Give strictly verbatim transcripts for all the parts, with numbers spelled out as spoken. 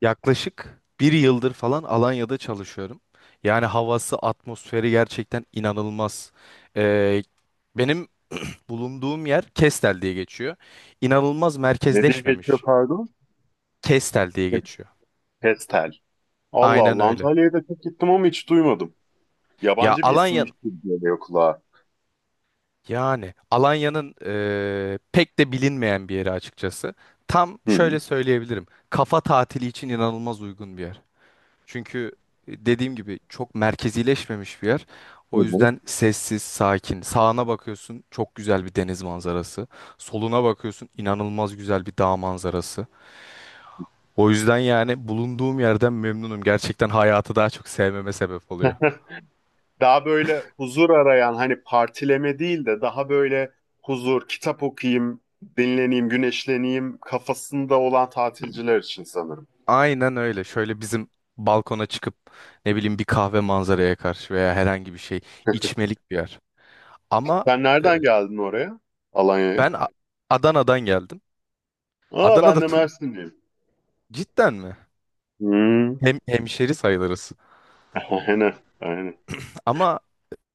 Yaklaşık bir yıldır falan Alanya'da çalışıyorum. Yani havası, atmosferi gerçekten inanılmaz. Ee, benim bulunduğum yer Kestel diye geçiyor. İnanılmaz Ne diye geçiyor merkezleşmemiş. pardon? Kestel diye Ke- geçiyor. Kestel. Allah Aynen Allah öyle. Antalya'ya da çok gittim ama hiç duymadım. Ya Yabancı bir isimmiş Alanya, gibi geliyor kulağa. yani Alanya'nın eee, pek de bilinmeyen bir yeri açıkçası. Tam Hı hı. şöyle söyleyebilirim. Kafa tatili için inanılmaz uygun bir yer. Çünkü e, dediğim gibi çok merkezileşmemiş bir yer. Hı O hı. yüzden sessiz, sakin. Sağına bakıyorsun çok güzel bir deniz manzarası. Soluna bakıyorsun inanılmaz güzel bir dağ manzarası. O yüzden yani bulunduğum yerden memnunum. Gerçekten hayatı daha çok sevmeme sebep oluyor. Daha böyle huzur arayan hani partileme değil de daha böyle huzur, kitap okuyayım, dinleneyim, güneşleneyim kafasında olan tatilciler için sanırım. Aynen öyle. Şöyle bizim balkona çıkıp ne bileyim bir kahve manzaraya karşı veya herhangi bir şey içmelik bir yer. Ama Sen e, nereden geldin oraya? Alanya'ya? ben A- Adana'dan geldim. Aa ben Adana'da de tu- Mersinliyim. cidden mi? Hmm. Hem hemşeri sayılırız. Aynen, aynen. Ama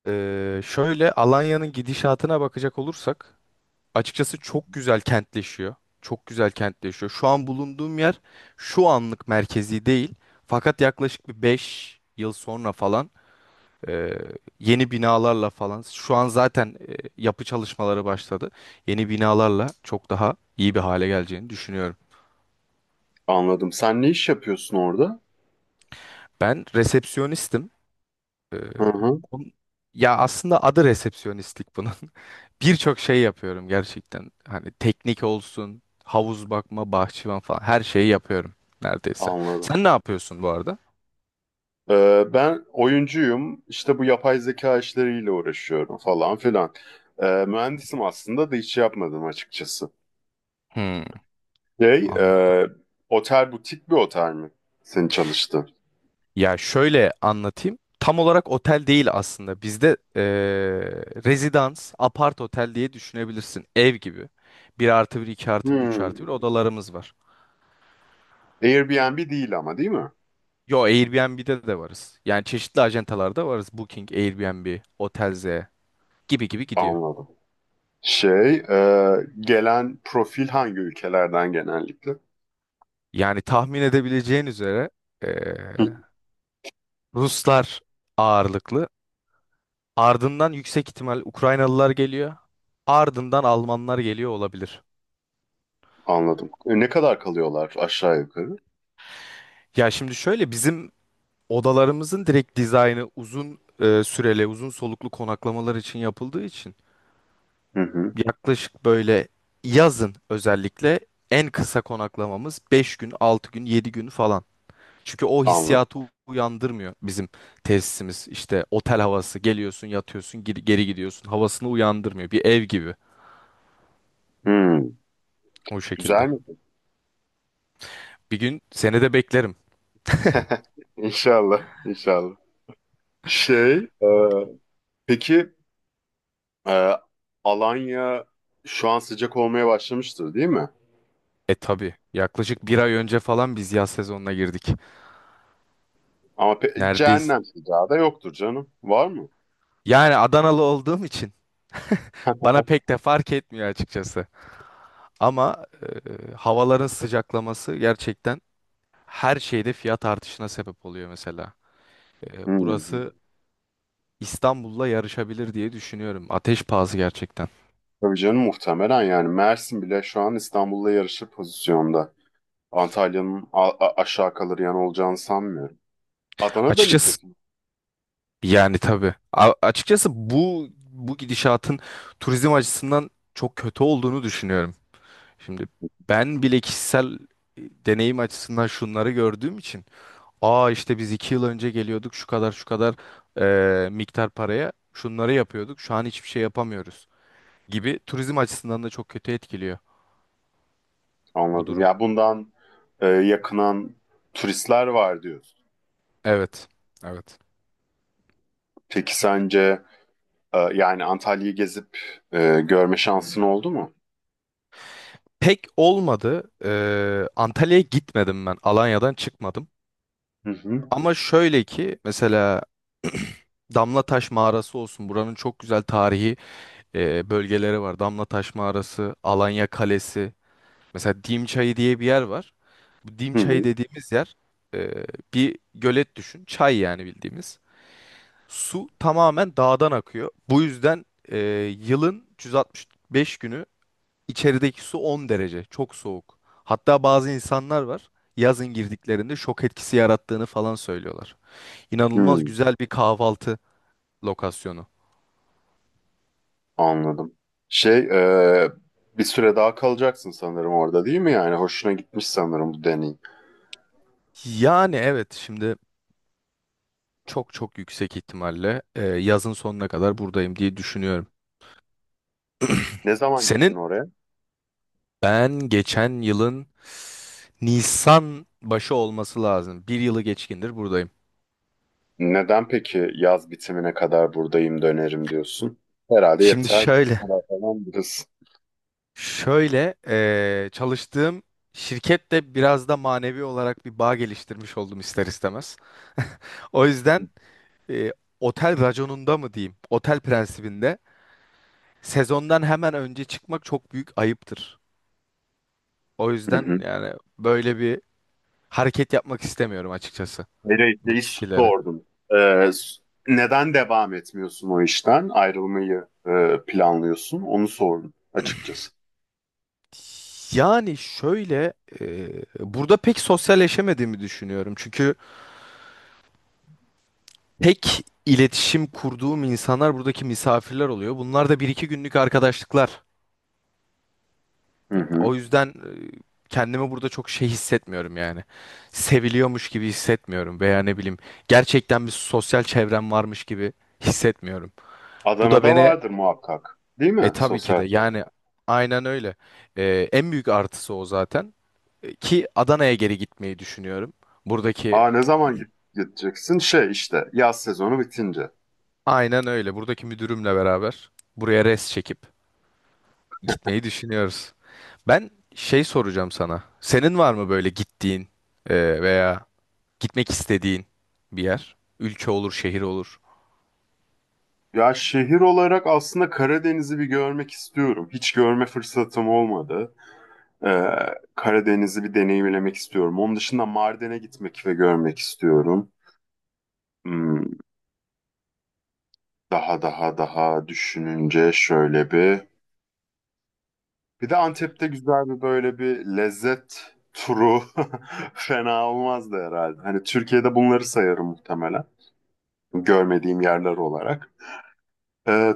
eee, şöyle Alanya'nın gidişatına bakacak olursak açıkçası çok güzel kentleşiyor. Çok güzel kentleşiyor. Şu an bulunduğum yer şu anlık merkezi değil. Fakat yaklaşık bir beş yıl sonra falan eee, yeni binalarla falan şu an zaten eee, yapı çalışmaları başladı. Yeni binalarla çok daha iyi bir hale geleceğini düşünüyorum. Anladım. Sen ne iş yapıyorsun orada? Ben resepsiyonistim. Ee, Hı hı, on- ya aslında adı resepsiyonistlik bunun. Birçok şey yapıyorum gerçekten. Hani teknik olsun, havuz bakma, bahçıvan falan her şeyi yapıyorum neredeyse. anladım. Sen ne yapıyorsun bu arada? Ee, ben oyuncuyum, işte bu yapay zeka işleriyle uğraşıyorum falan filan. Ee, mühendisim aslında da hiç yapmadım açıkçası. Hmm, Şey, anladım. e, otel butik bir otel mi? Senin çalıştığın. Ya şöyle anlatayım. Tam olarak otel değil aslında. Bizde eee rezidans, apart otel diye düşünebilirsin. Ev gibi. Bir artı bir, iki artı bir, üç Hmm. artı bir odalarımız var. Airbnb değil ama değil mi? Yo, Airbnb'de de varız. Yani çeşitli acentalarda varız. Booking, Airbnb, otelze gibi gibi gidiyor. Anladım. Şey, e, gelen profil hangi ülkelerden genellikle? Yani tahmin edebileceğin üzere eee, Hı, Ruslar ağırlıklı. Ardından yüksek ihtimal Ukraynalılar geliyor. Ardından Almanlar geliyor olabilir. anladım. E, ne kadar kalıyorlar aşağı yukarı? Ya şimdi şöyle bizim odalarımızın direkt dizaynı uzun eee, süreli, uzun soluklu konaklamalar için yapıldığı için Hı hı. yaklaşık böyle yazın özellikle en kısa konaklamamız beş gün, altı gün, yedi gün falan. Çünkü o Anladım. hissiyatı uyandırmıyor bizim tesisimiz. İşte otel havası geliyorsun yatıyorsun geri, geri gidiyorsun havasını uyandırmıyor. Bir ev gibi Hmm. o Güzel şekilde. mi? Bir gün seni de beklerim. İnşallah, inşallah. Şey, e, peki e, Alanya şu an sıcak olmaya başlamıştır değil mi? E tabii, yaklaşık bir ay önce falan biz yaz sezonuna girdik. Ama pe- Neredeyiz? cehennem sıcağı da yoktur canım. Var mı? Yani Adanalı olduğum için bana pek de fark etmiyor açıkçası. Ama e, havaların sıcaklaması gerçekten her şeyde fiyat artışına sebep oluyor mesela. E, Hı hı. burası İstanbul'la yarışabilir diye düşünüyorum. Ateş pahası gerçekten. Tabii canım, muhtemelen yani Mersin bile şu an İstanbul'la yarışır pozisyonda. Antalya'nın a- a- aşağı kalır yanı olacağını sanmıyorum. Adana'da Açıkçası nitekim yani tabii. A- açıkçası bu bu gidişatın turizm açısından çok kötü olduğunu düşünüyorum. Şimdi ben bile kişisel e, deneyim açısından şunları gördüğüm için, aa, işte biz iki yıl önce geliyorduk şu kadar şu kadar e, miktar paraya şunları yapıyorduk, şu an hiçbir şey yapamıyoruz gibi, turizm açısından da çok kötü etkiliyor bu anladım. durum. Ya bundan e, yakınan turistler var diyorsun. Evet. Evet. Peki sence e, yani Antalya'yı gezip e, görme şansın oldu mu? Pek olmadı. E, Antalya'ya gitmedim ben. Alanya'dan çıkmadım. Hı hı. Ama şöyle ki mesela Damlataş Mağarası olsun. Buranın çok güzel tarihi e, bölgeleri var. Damlataş Mağarası, Alanya Kalesi. Mesela Dimçayı diye bir yer var. Bu Hı Dimçayı hı. dediğimiz yer, e, bir gölet düşün. Çay yani bildiğimiz. Su tamamen dağdan akıyor. Bu yüzden e, yılın üç yüz altmış beş günü içerideki su on derece. Çok soğuk. Hatta bazı insanlar var. Yazın girdiklerinde şok etkisi yarattığını falan söylüyorlar. İnanılmaz Hı. güzel bir kahvaltı lokasyonu. Anladım. Şey, e, bir süre daha kalacaksın sanırım orada değil mi? Yani hoşuna gitmiş sanırım bu deneyim. Yani evet şimdi çok çok yüksek ihtimalle e, yazın sonuna kadar buradayım diye düşünüyorum. Ne zaman gittin Senin? oraya? Ben geçen yılın Nisan başı olması lazım. Bir yılı geçkindir buradayım. Neden peki yaz bitimine kadar buradayım dönerim diyorsun? Herhalde Şimdi yeter. şöyle, Bu kadar falan biraz. şöyle e, çalıştığım şirkette biraz da manevi olarak bir bağ geliştirmiş oldum ister istemez. O yüzden e, otel raconunda mı diyeyim, otel prensibinde sezondan hemen önce çıkmak çok büyük ayıptır. O Hı hı. yüzden yani böyle bir hareket yapmak istemiyorum açıkçası bu Ereğli'yi kişileri. sordum. E, s- neden devam etmiyorsun o işten? Ayrılmayı e, planlıyorsun. Onu sordum açıkçası. Yani şöyle e, burada pek sosyalleşemediğimi düşünüyorum. Çünkü pek iletişim kurduğum insanlar buradaki misafirler oluyor. Bunlar da bir iki günlük arkadaşlıklar. Hı hı. O yüzden e, kendimi burada çok şey hissetmiyorum yani. Seviliyormuş gibi hissetmiyorum veya ne bileyim gerçekten bir sosyal çevrem varmış gibi hissetmiyorum. Bu da Adana'da beni. vardır muhakkak. Değil E mi? tabii ki de, Sosyal çevre. yani aynen öyle. E, en büyük artısı o zaten. E, ki Adana'ya geri gitmeyi düşünüyorum. Buradaki Aa ne zaman git- gideceksin? Şey işte yaz sezonu bitince. aynen öyle. Buradaki müdürümle beraber buraya res çekip gitmeyi düşünüyoruz. Ben şey soracağım sana. Senin var mı böyle gittiğin e, veya gitmek istediğin bir yer? Ülke olur, şehir olur. Ya şehir olarak aslında Karadeniz'i bir görmek istiyorum. Hiç görme fırsatım olmadı. Ee, Karadeniz'i bir deneyimlemek istiyorum. Onun dışında Mardin'e gitmek ve görmek istiyorum. Hmm, daha daha daha düşününce şöyle bir... Bir de Antep'te güzel bir böyle bir lezzet turu fena olmazdı herhalde. Hani Türkiye'de bunları sayarım muhtemelen. Görmediğim yerler olarak. Ee,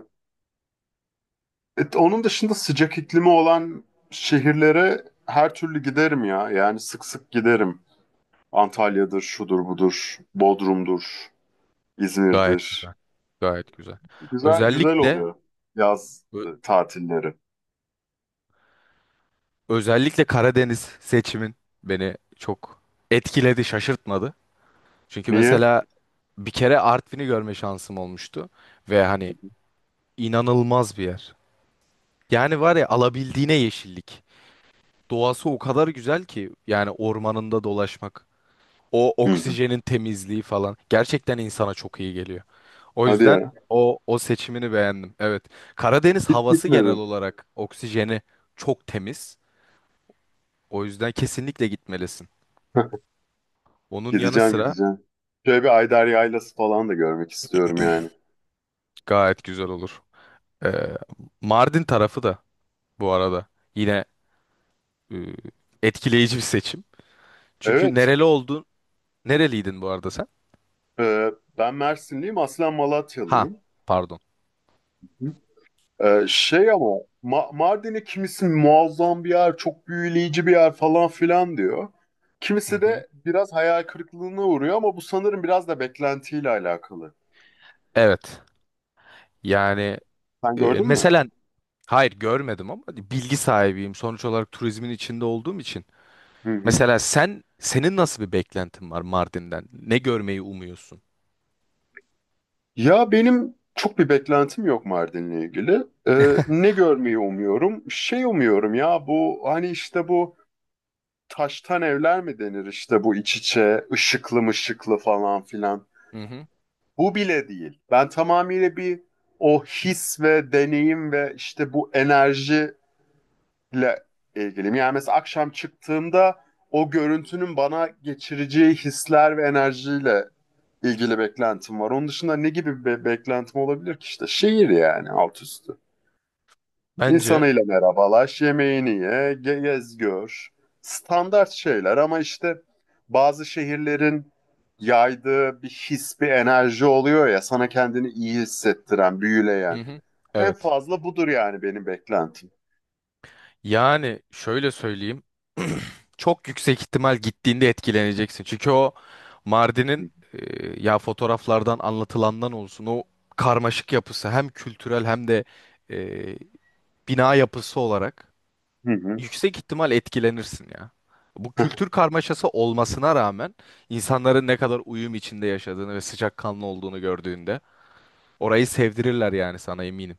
E, onun dışında sıcak iklimi olan şehirlere her türlü giderim ya. Yani sık sık giderim. Antalya'dır, şudur budur, Bodrum'dur, Gayet İzmir'dir. güzel. Gayet güzel. Güzel güzel Özellikle oluyor yaz e, ö- tatilleri. özellikle Karadeniz seçimin beni çok etkiledi, şaşırtmadı. Çünkü Niye? mesela bir kere Artvin'i görme şansım olmuştu ve hani inanılmaz bir yer. Yani var ya alabildiğine yeşillik. Doğası o kadar güzel ki yani ormanında dolaşmak, o Hı hı. oksijenin temizliği falan gerçekten insana çok iyi geliyor. O Hadi yüzden ya. o o seçimini beğendim. Evet. Karadeniz Hiç havası genel gitmedim. olarak oksijeni çok temiz. O yüzden kesinlikle gitmelisin. Onun yanı Gideceğim sıra gideceğim. Şöyle bir Ayder Yaylası falan da görmek istiyorum yani. gayet güzel olur. Ee, Mardin tarafı da bu arada yine e, etkileyici bir seçim. Çünkü Evet, nereli oldun? Nereliydin bu arada sen? e, ben Mersinliyim, aslen Ha, Malatyalıyım. pardon. Ee, şey ama Ma- Mardin'i kimisi muazzam bir yer, çok büyüleyici bir yer falan filan diyor. Hı Kimisi hı. de biraz hayal kırıklığına uğruyor ama bu sanırım biraz da beklentiyle alakalı. Evet. Yani Sen e, gördün mü? mesela hayır görmedim ama bilgi sahibiyim. Sonuç olarak turizmin içinde olduğum için. Hı hı. Mesela sen, senin nasıl bir beklentin var Mardin'den? Ne görmeyi umuyorsun? Ya benim çok bir beklentim yok Mardin'le ilgili. Ee, ne görmeyi umuyorum? Şey umuyorum ya bu hani işte bu taştan evler mi denir, işte bu iç içe ışıklı mışıklı falan filan. Hı hı. Bu bile değil. Ben tamamıyla bir o his ve deneyim ve işte bu enerjiyle ilgiliyim. Yani mesela akşam çıktığımda o görüntünün bana geçireceği hisler ve enerjiyle ilgili beklentim var. Onun dışında ne gibi bir beklentim olabilir ki, işte şehir yani, alt üstü. Bence. İnsanıyla merhabalaş, yemeğini ye, ge- gez gör. Standart şeyler ama işte bazı şehirlerin yaydığı bir his, bir enerji oluyor ya, sana kendini iyi hissettiren, büyüleyen. Hı hı. En Evet. fazla budur yani benim beklentim. Yani şöyle söyleyeyim. Çok yüksek ihtimal gittiğinde etkileneceksin. Çünkü o Mardin'in, e, ya fotoğraflardan anlatılandan olsun, o karmaşık yapısı hem kültürel hem de e, bina yapısı olarak Hı hı. yüksek ihtimal etkilenirsin ya. Bu kültür karmaşası olmasına rağmen insanların ne kadar uyum içinde yaşadığını ve sıcakkanlı olduğunu gördüğünde orayı sevdirirler yani sana, eminim.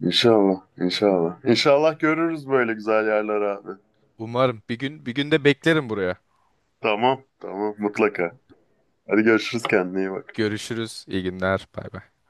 İnşallah, inşallah. İnşallah görürüz böyle güzel yerler abi. Umarım bir gün, bir gün de beklerim buraya. Tamam, tamam mutlaka. Hadi görüşürüz, kendine iyi bak. Görüşürüz. İyi günler. Bay bay.